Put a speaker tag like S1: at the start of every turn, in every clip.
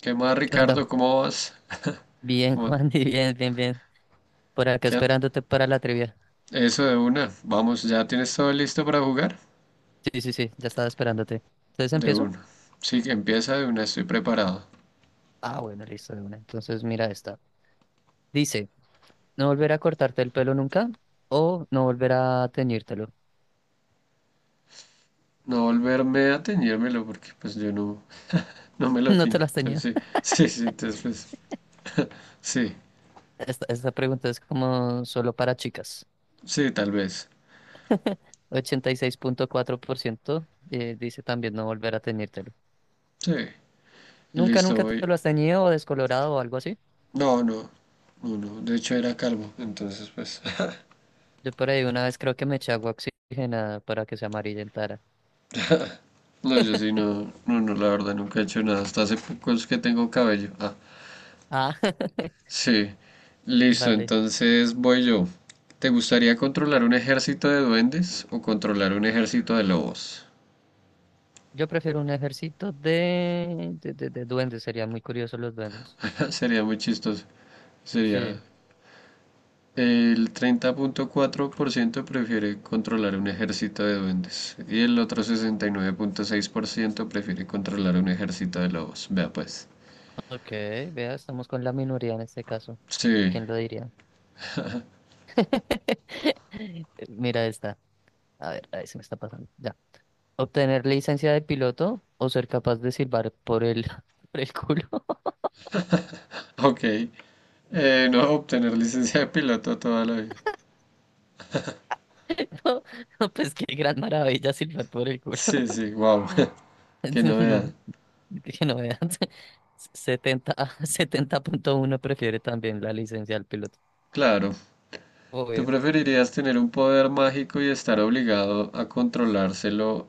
S1: ¿Qué más,
S2: ¿Qué onda?
S1: Ricardo? ¿Cómo vas?
S2: Bien,
S1: ¿Cómo-
S2: Juan, y bien, bien, bien. Por acá
S1: qué-
S2: esperándote para la trivia.
S1: Eso de una. Vamos, ¿ya tienes todo listo para jugar?
S2: Sí, sí, sí, ya estaba esperándote. ¿Entonces
S1: De
S2: empiezo?
S1: una. Sí, que empieza de una, estoy preparado.
S2: Ah, bueno, listo, de una. Entonces mira esta. Dice, no volver a cortarte el pelo nunca o no volver a teñírtelo.
S1: No volverme a teñírmelo porque pues yo no, no me lo
S2: No te
S1: tiño.
S2: las teñía.
S1: Entonces sí, sí, entonces sí,
S2: Esta pregunta es como solo para chicas.
S1: sí, tal vez.
S2: 86.4% dice también no volver a teñírtelo.
S1: Sí,
S2: ¿Nunca,
S1: listo,
S2: nunca te
S1: voy.
S2: lo has teñido o descolorado o algo así?
S1: No, no, no, de hecho era calvo, entonces pues...
S2: Yo por ahí una vez creo que me eché agua oxigenada para que se amarillentara.
S1: No, yo sí, no, la verdad nunca he hecho nada. Hasta hace poco es que tengo cabello. Ah.
S2: Ah,
S1: Sí, listo,
S2: vale.
S1: entonces voy yo. ¿Te gustaría controlar un ejército de duendes o controlar un ejército de lobos?
S2: Yo prefiero un ejército de duendes, serían muy curiosos los duendes.
S1: Sería muy chistoso. Sería
S2: Sí,
S1: El treinta punto cuatro por ciento prefiere controlar un ejército de duendes y el otro sesenta y nueve punto seis por ciento prefiere controlar un ejército de lobos. Vea pues.
S2: ok, vea, estamos con la minoría en este caso.
S1: Sí,
S2: ¿Quién lo diría? Mira esta. A ver, ahí se me está pasando. Ya. Obtener licencia de piloto o ser capaz de silbar por el, por el culo.
S1: ok. No obtener licencia de piloto toda la vida.
S2: No, pues qué gran maravilla silbar por el culo.
S1: Sí, sí, wow. Qué novedad.
S2: No, que no veas. Setenta, setenta punto uno prefiere también la licencia del piloto.
S1: Claro. ¿Tú
S2: Obvio.
S1: preferirías tener un poder mágico y estar obligado a controlárselo,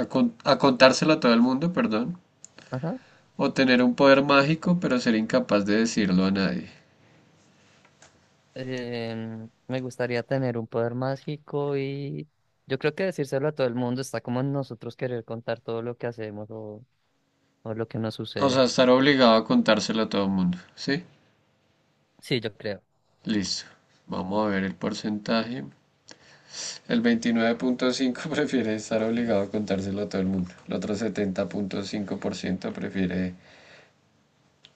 S1: a, a contárselo a todo el mundo, perdón?
S2: Ajá.
S1: ¿O tener un poder mágico pero ser incapaz de decirlo a nadie?
S2: Me gustaría tener un poder mágico y yo creo que decírselo a todo el mundo está como en nosotros querer contar todo lo que hacemos o lo que nos
S1: O
S2: sucede.
S1: sea, estar obligado a contárselo a todo el mundo, ¿sí?
S2: Sí, yo creo.
S1: Listo. Vamos a ver el porcentaje. El veintinueve punto cinco prefiere estar obligado a contárselo a todo el mundo. El otro setenta punto cinco por ciento prefiere...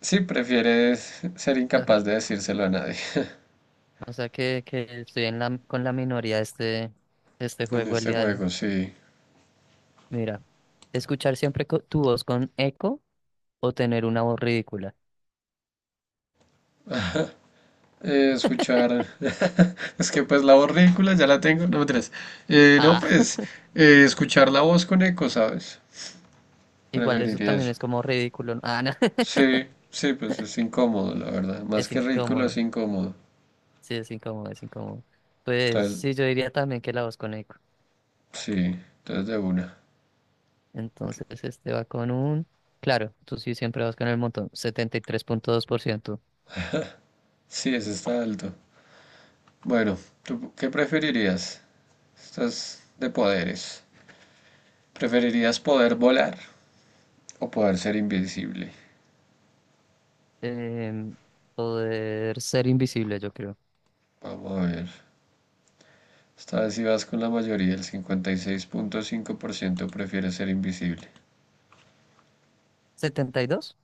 S1: Sí, prefiere ser
S2: Claro.
S1: incapaz de decírselo a nadie.
S2: O sea que estoy en la, con la minoría de este
S1: En
S2: juego el
S1: este
S2: día de hoy.
S1: juego, sí.
S2: Mira, escuchar siempre tu voz con eco o tener una voz ridícula.
S1: Escuchar. Es que pues la voz ridícula ya la tengo, no me no,
S2: Ah,
S1: pues escuchar la voz con eco, ¿sabes?
S2: igual eso
S1: Preferiría
S2: también
S1: eso.
S2: es como ridículo, ¿no? Ah, no,
S1: Sí, sí, pues es incómodo, la verdad. Más
S2: es
S1: que ridículo es
S2: incómodo.
S1: incómodo.
S2: Sí, es incómodo, es incómodo. Pues
S1: Entonces,
S2: sí, yo diría también que la voz con eco.
S1: sí, entonces de una.
S2: Entonces este va con un... Claro, tú sí siempre vas con el montón. 73.2%.
S1: Sí, ese está alto. Bueno, ¿tú qué preferirías? Estás de poderes. ¿Preferirías poder volar o poder ser invisible?
S2: Em, Poder ser invisible, yo creo.
S1: Vamos a ver. Esta vez ibas con la mayoría, el 56.5% prefiere ser invisible.
S2: ¿72?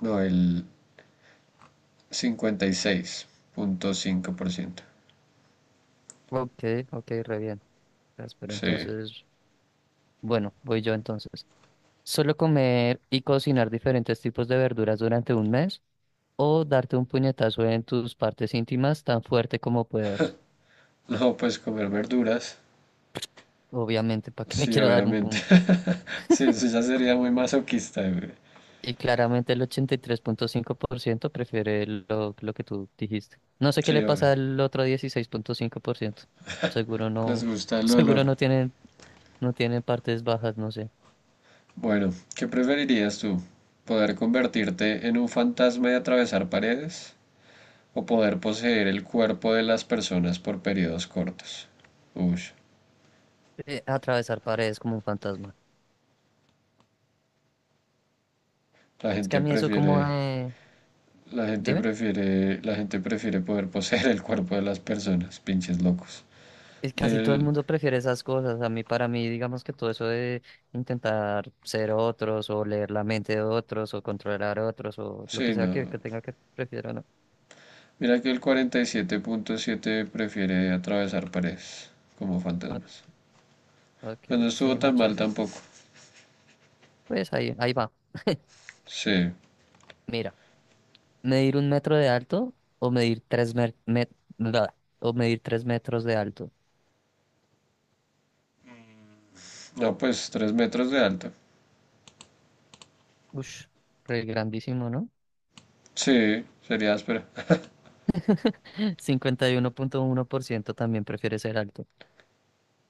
S1: No, el 56.5%.
S2: Ok, ok, re bien. Pues, pero
S1: Sí.
S2: entonces, bueno, voy yo entonces. ¿Solo comer y cocinar diferentes tipos de verduras durante un mes? ¿O darte un puñetazo en tus partes íntimas tan fuerte como puedas?
S1: No, pues comer verduras.
S2: Obviamente, ¿para qué me
S1: Sí,
S2: quiero dar un,
S1: obviamente.
S2: pu-
S1: Sí, eso ya sería muy masoquista, güey.
S2: Y claramente el 83.5% prefiere lo que tú dijiste. No sé qué
S1: Sí,
S2: le
S1: obvio.
S2: pasa al otro 16.5%. Seguro
S1: Les
S2: no,
S1: gusta el
S2: seguro
S1: dolor.
S2: no tienen, no tienen partes bajas, no sé.
S1: Bueno, ¿qué preferirías tú? ¿Poder convertirte en un fantasma y atravesar paredes? ¿O poder poseer el cuerpo de las personas por periodos cortos? Uy,
S2: Atravesar paredes como un fantasma.
S1: la
S2: Es que
S1: gente
S2: a mí eso
S1: prefiere
S2: como de...
S1: La gente
S2: Dime.
S1: prefiere, la gente prefiere poder poseer el cuerpo de las personas, pinches locos.
S2: Es casi todo el
S1: El,
S2: mundo prefiere esas cosas. A mí, para mí, digamos que todo eso de intentar ser otros o leer la mente de otros o controlar a otros o lo
S1: sí,
S2: que sea que,
S1: no.
S2: que tenga que prefiero, ¿no?
S1: Mira que el 47.7 prefiere atravesar paredes como
S2: Ah,
S1: fantasmas.
S2: ok,
S1: Pues no estuvo
S2: sí, más
S1: tan mal
S2: chévere.
S1: tampoco.
S2: Pues ahí va.
S1: Sí.
S2: Mira, medir un metro de alto o medir tres mer- met- bla, o medir 3 metros de alto.
S1: No, pues tres metros de alto.
S2: Ush, re grandísimo, ¿no?
S1: Sí, sería áspera.
S2: 51.1% también prefiere ser alto.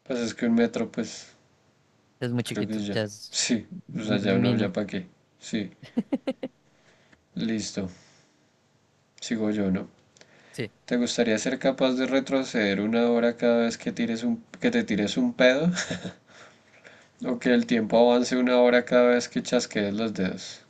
S1: Pues es que un metro, pues
S2: Es muy
S1: creo que
S2: chiquito,
S1: ya.
S2: ya es
S1: Sí. O sea, ya uno,
S2: mini.
S1: ya para qué. Sí. Listo. Sigo yo, ¿no?
S2: Sí,
S1: ¿Te gustaría ser capaz de retroceder una hora cada vez que tires un, que te tires un pedo? ¿O que el tiempo avance una hora cada vez que chasquees los dedos?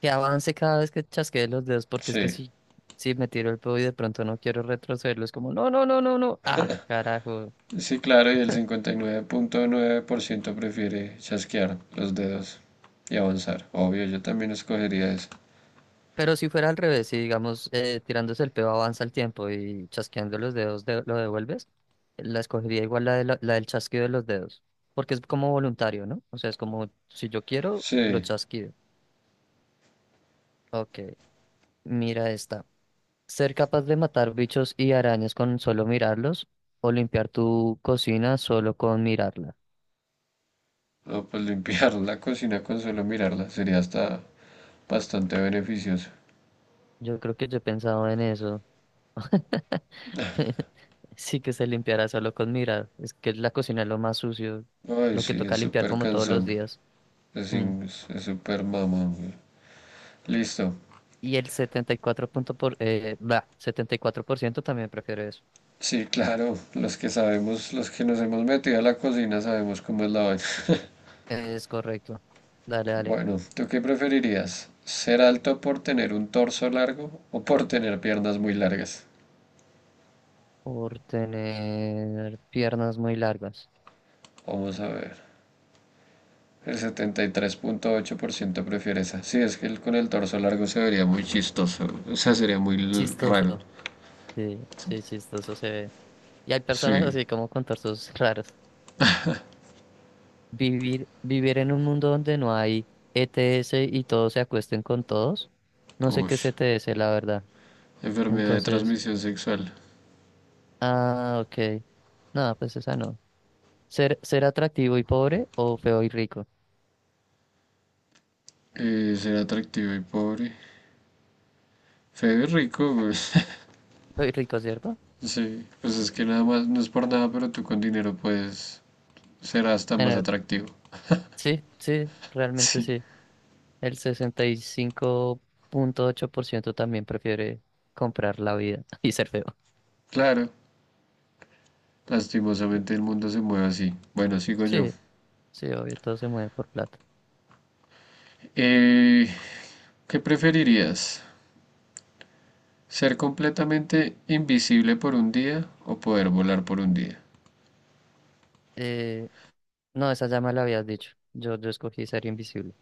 S2: que avance cada vez que chasquee los dedos, porque es que
S1: Sí,
S2: si me tiro el pedo y de pronto no quiero retrocederlo, es como, no, no, no, no, no. Ah, carajo.
S1: sí, claro, y el 59.9% prefiere chasquear los dedos y avanzar. Obvio, yo también escogería eso.
S2: Pero si fuera al revés, si digamos tirándose el pedo avanza el tiempo y chasqueando los dedos lo devuelves, la escogería igual la del chasquido de los dedos, porque es como voluntario, ¿no? O sea, es como si yo quiero, lo
S1: Sí,
S2: chasquido. Ok, mira esta. Ser capaz de matar bichos y arañas con solo mirarlos o limpiar tu cocina solo con mirarla.
S1: no, pues limpiar la cocina con solo mirarla sería hasta bastante beneficioso.
S2: Yo creo que yo he pensado en eso. Sí que se limpiará solo con mirar. Es que la cocina es lo más sucio,
S1: Ay,
S2: lo que
S1: sí, es
S2: toca limpiar
S1: súper
S2: como todos los
S1: cansón.
S2: días. Mm.
S1: Es súper mamón. Güey. Listo.
S2: Y el 74% también prefiere eso.
S1: Sí, claro, los que sabemos, los que nos hemos metido a la cocina sabemos cómo es la vaina.
S2: Es correcto. Dale, dale.
S1: Bueno, ¿tú qué preferirías? ¿Ser alto por tener un torso largo o por tener piernas muy largas?
S2: Por tener piernas muy largas.
S1: Vamos a ver. El setenta y tres punto ocho por ciento prefiere esa. Sí, es que con el torso largo se vería muy chistoso. O sea, sería
S2: Chistoso.
S1: raro.
S2: Sí, sí, chistoso se ve. Y hay personas
S1: Sí.
S2: así como con torsos raros. Vivir en un mundo donde no hay ETS y todos se acuesten con todos. No sé
S1: Uy.
S2: qué es ETS, la verdad.
S1: Enfermedad de
S2: Entonces,
S1: transmisión sexual.
S2: ah, ok. Nada, pues esa no. Ser atractivo y pobre o feo y rico.
S1: Ser atractivo y pobre. Feo y rico, pues.
S2: Feo y rico, ¿cierto?
S1: Sí, pues es que nada más, no es por nada, pero tú con dinero puedes ser hasta más
S2: Tener-
S1: atractivo.
S2: sí, sí, realmente
S1: Sí,
S2: sí. El 65.8% también prefiere comprar la vida y ser feo.
S1: claro, lastimosamente el mundo se mueve así. Bueno, sigo yo.
S2: Sí, sí, obvio, todo se mueve por plata.
S1: Eh, ¿Qué preferirías? ¿Ser completamente invisible por un día o poder volar por un día?
S2: Eh, no, esa ya me la habías dicho. Yo escogí ser invisible.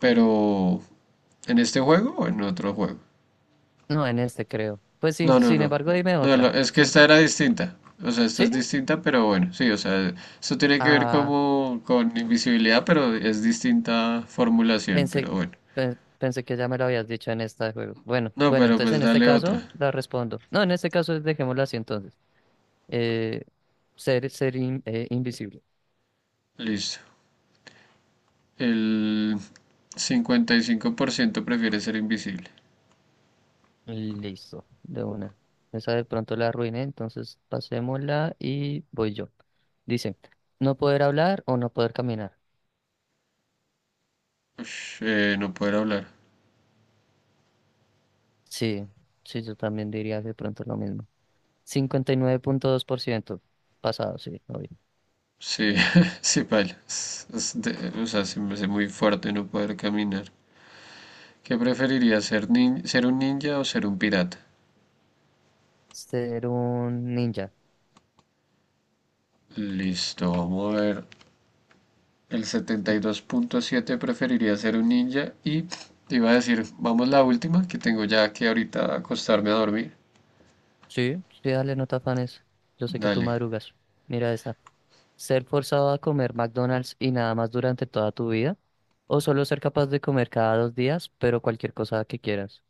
S1: Pero, ¿en este juego o en otro juego?
S2: No, en este creo. Pues sin, sin
S1: No.
S2: embargo, dime
S1: No,
S2: otra.
S1: es que esta era distinta. O sea, esta es
S2: ¿Sí?
S1: distinta, pero bueno, sí, o sea, esto tiene que ver
S2: Ah,
S1: como con invisibilidad, pero es distinta formulación,
S2: pensé,
S1: pero bueno.
S2: pensé que ya me lo habías dicho en esta de juego. Bueno,
S1: No,
S2: bueno,
S1: pero
S2: entonces
S1: pues
S2: en este
S1: dale otra.
S2: caso la respondo. No, en este caso dejémosla así entonces. Eh, ser invisible.
S1: Listo. El 55% prefiere ser invisible.
S2: Listo, de una. Esa de pronto la arruiné, entonces pasémosla y voy yo. Dice, no poder hablar o no poder caminar.
S1: Ush, no poder hablar.
S2: Sí, sí, yo también diría de pronto lo mismo. 59.2% pasado, sí, obvio.
S1: Sí, sí, paila. O sea, se me hace muy fuerte no poder caminar. ¿Qué preferiría ser, ser un ninja o ser un pirata?
S2: Ser un ninja.
S1: Listo, vamos a ver. El setenta y dos punto siete preferiría ser un ninja y te iba a decir, vamos la última que tengo ya que ahorita acostarme a dormir.
S2: Sí, sí, dale, no te afanes. Yo sé que tú
S1: Dale.
S2: madrugas. Mira esta. ¿Ser forzado a comer McDonald's y nada más durante toda tu vida? ¿O solo ser capaz de comer cada 2 días, pero cualquier cosa que quieras?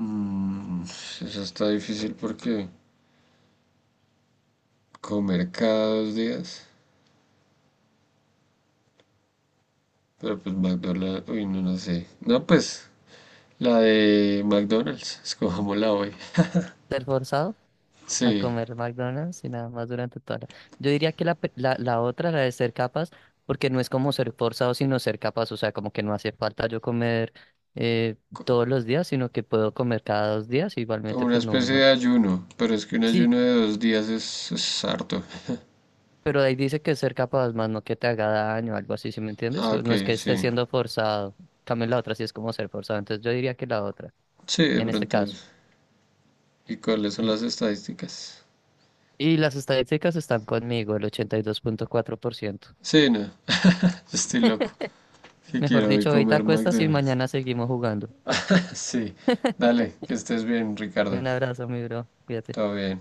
S1: Mm, eso está difícil porque comer cada dos días. Pero pues McDonald's, uy, no, no sé. No, pues la de McDonald's, escojámosla hoy.
S2: ¿Ser forzado a
S1: Sí,
S2: comer McDonald's y nada más durante toda la... Yo diría que la otra, la de ser capaz, porque no es como ser forzado, sino ser capaz. O sea, como que no hace falta yo comer eh,
S1: co-
S2: todos los días, sino que puedo comer cada 2 días.
S1: como
S2: Igualmente,
S1: una
S2: pues no,
S1: especie de
S2: no.
S1: ayuno, pero es que un
S2: Sí.
S1: ayuno de dos días es harto.
S2: Pero ahí dice que ser capaz, más no que te haga daño, algo así, ¿sí me entiendes?
S1: Ah, ok,
S2: No es que esté
S1: sí.
S2: siendo forzado. En cambio la otra sí es como ser forzado. Entonces yo diría que la otra,
S1: Sí, de
S2: en este
S1: pronto.
S2: caso.
S1: ¿Y cuáles son las estadísticas?
S2: Y las estadísticas están conmigo, el 82.4%.
S1: Sí, no. Yo Estoy loco. ¿Qué
S2: Mejor
S1: quiero hoy
S2: dicho, hoy te
S1: comer?
S2: acuestas y
S1: McDonald's.
S2: mañana seguimos jugando.
S1: Sí. Dale, que estés bien, Ricardo.
S2: Un abrazo, mi bro. Cuídate.
S1: Todo bien.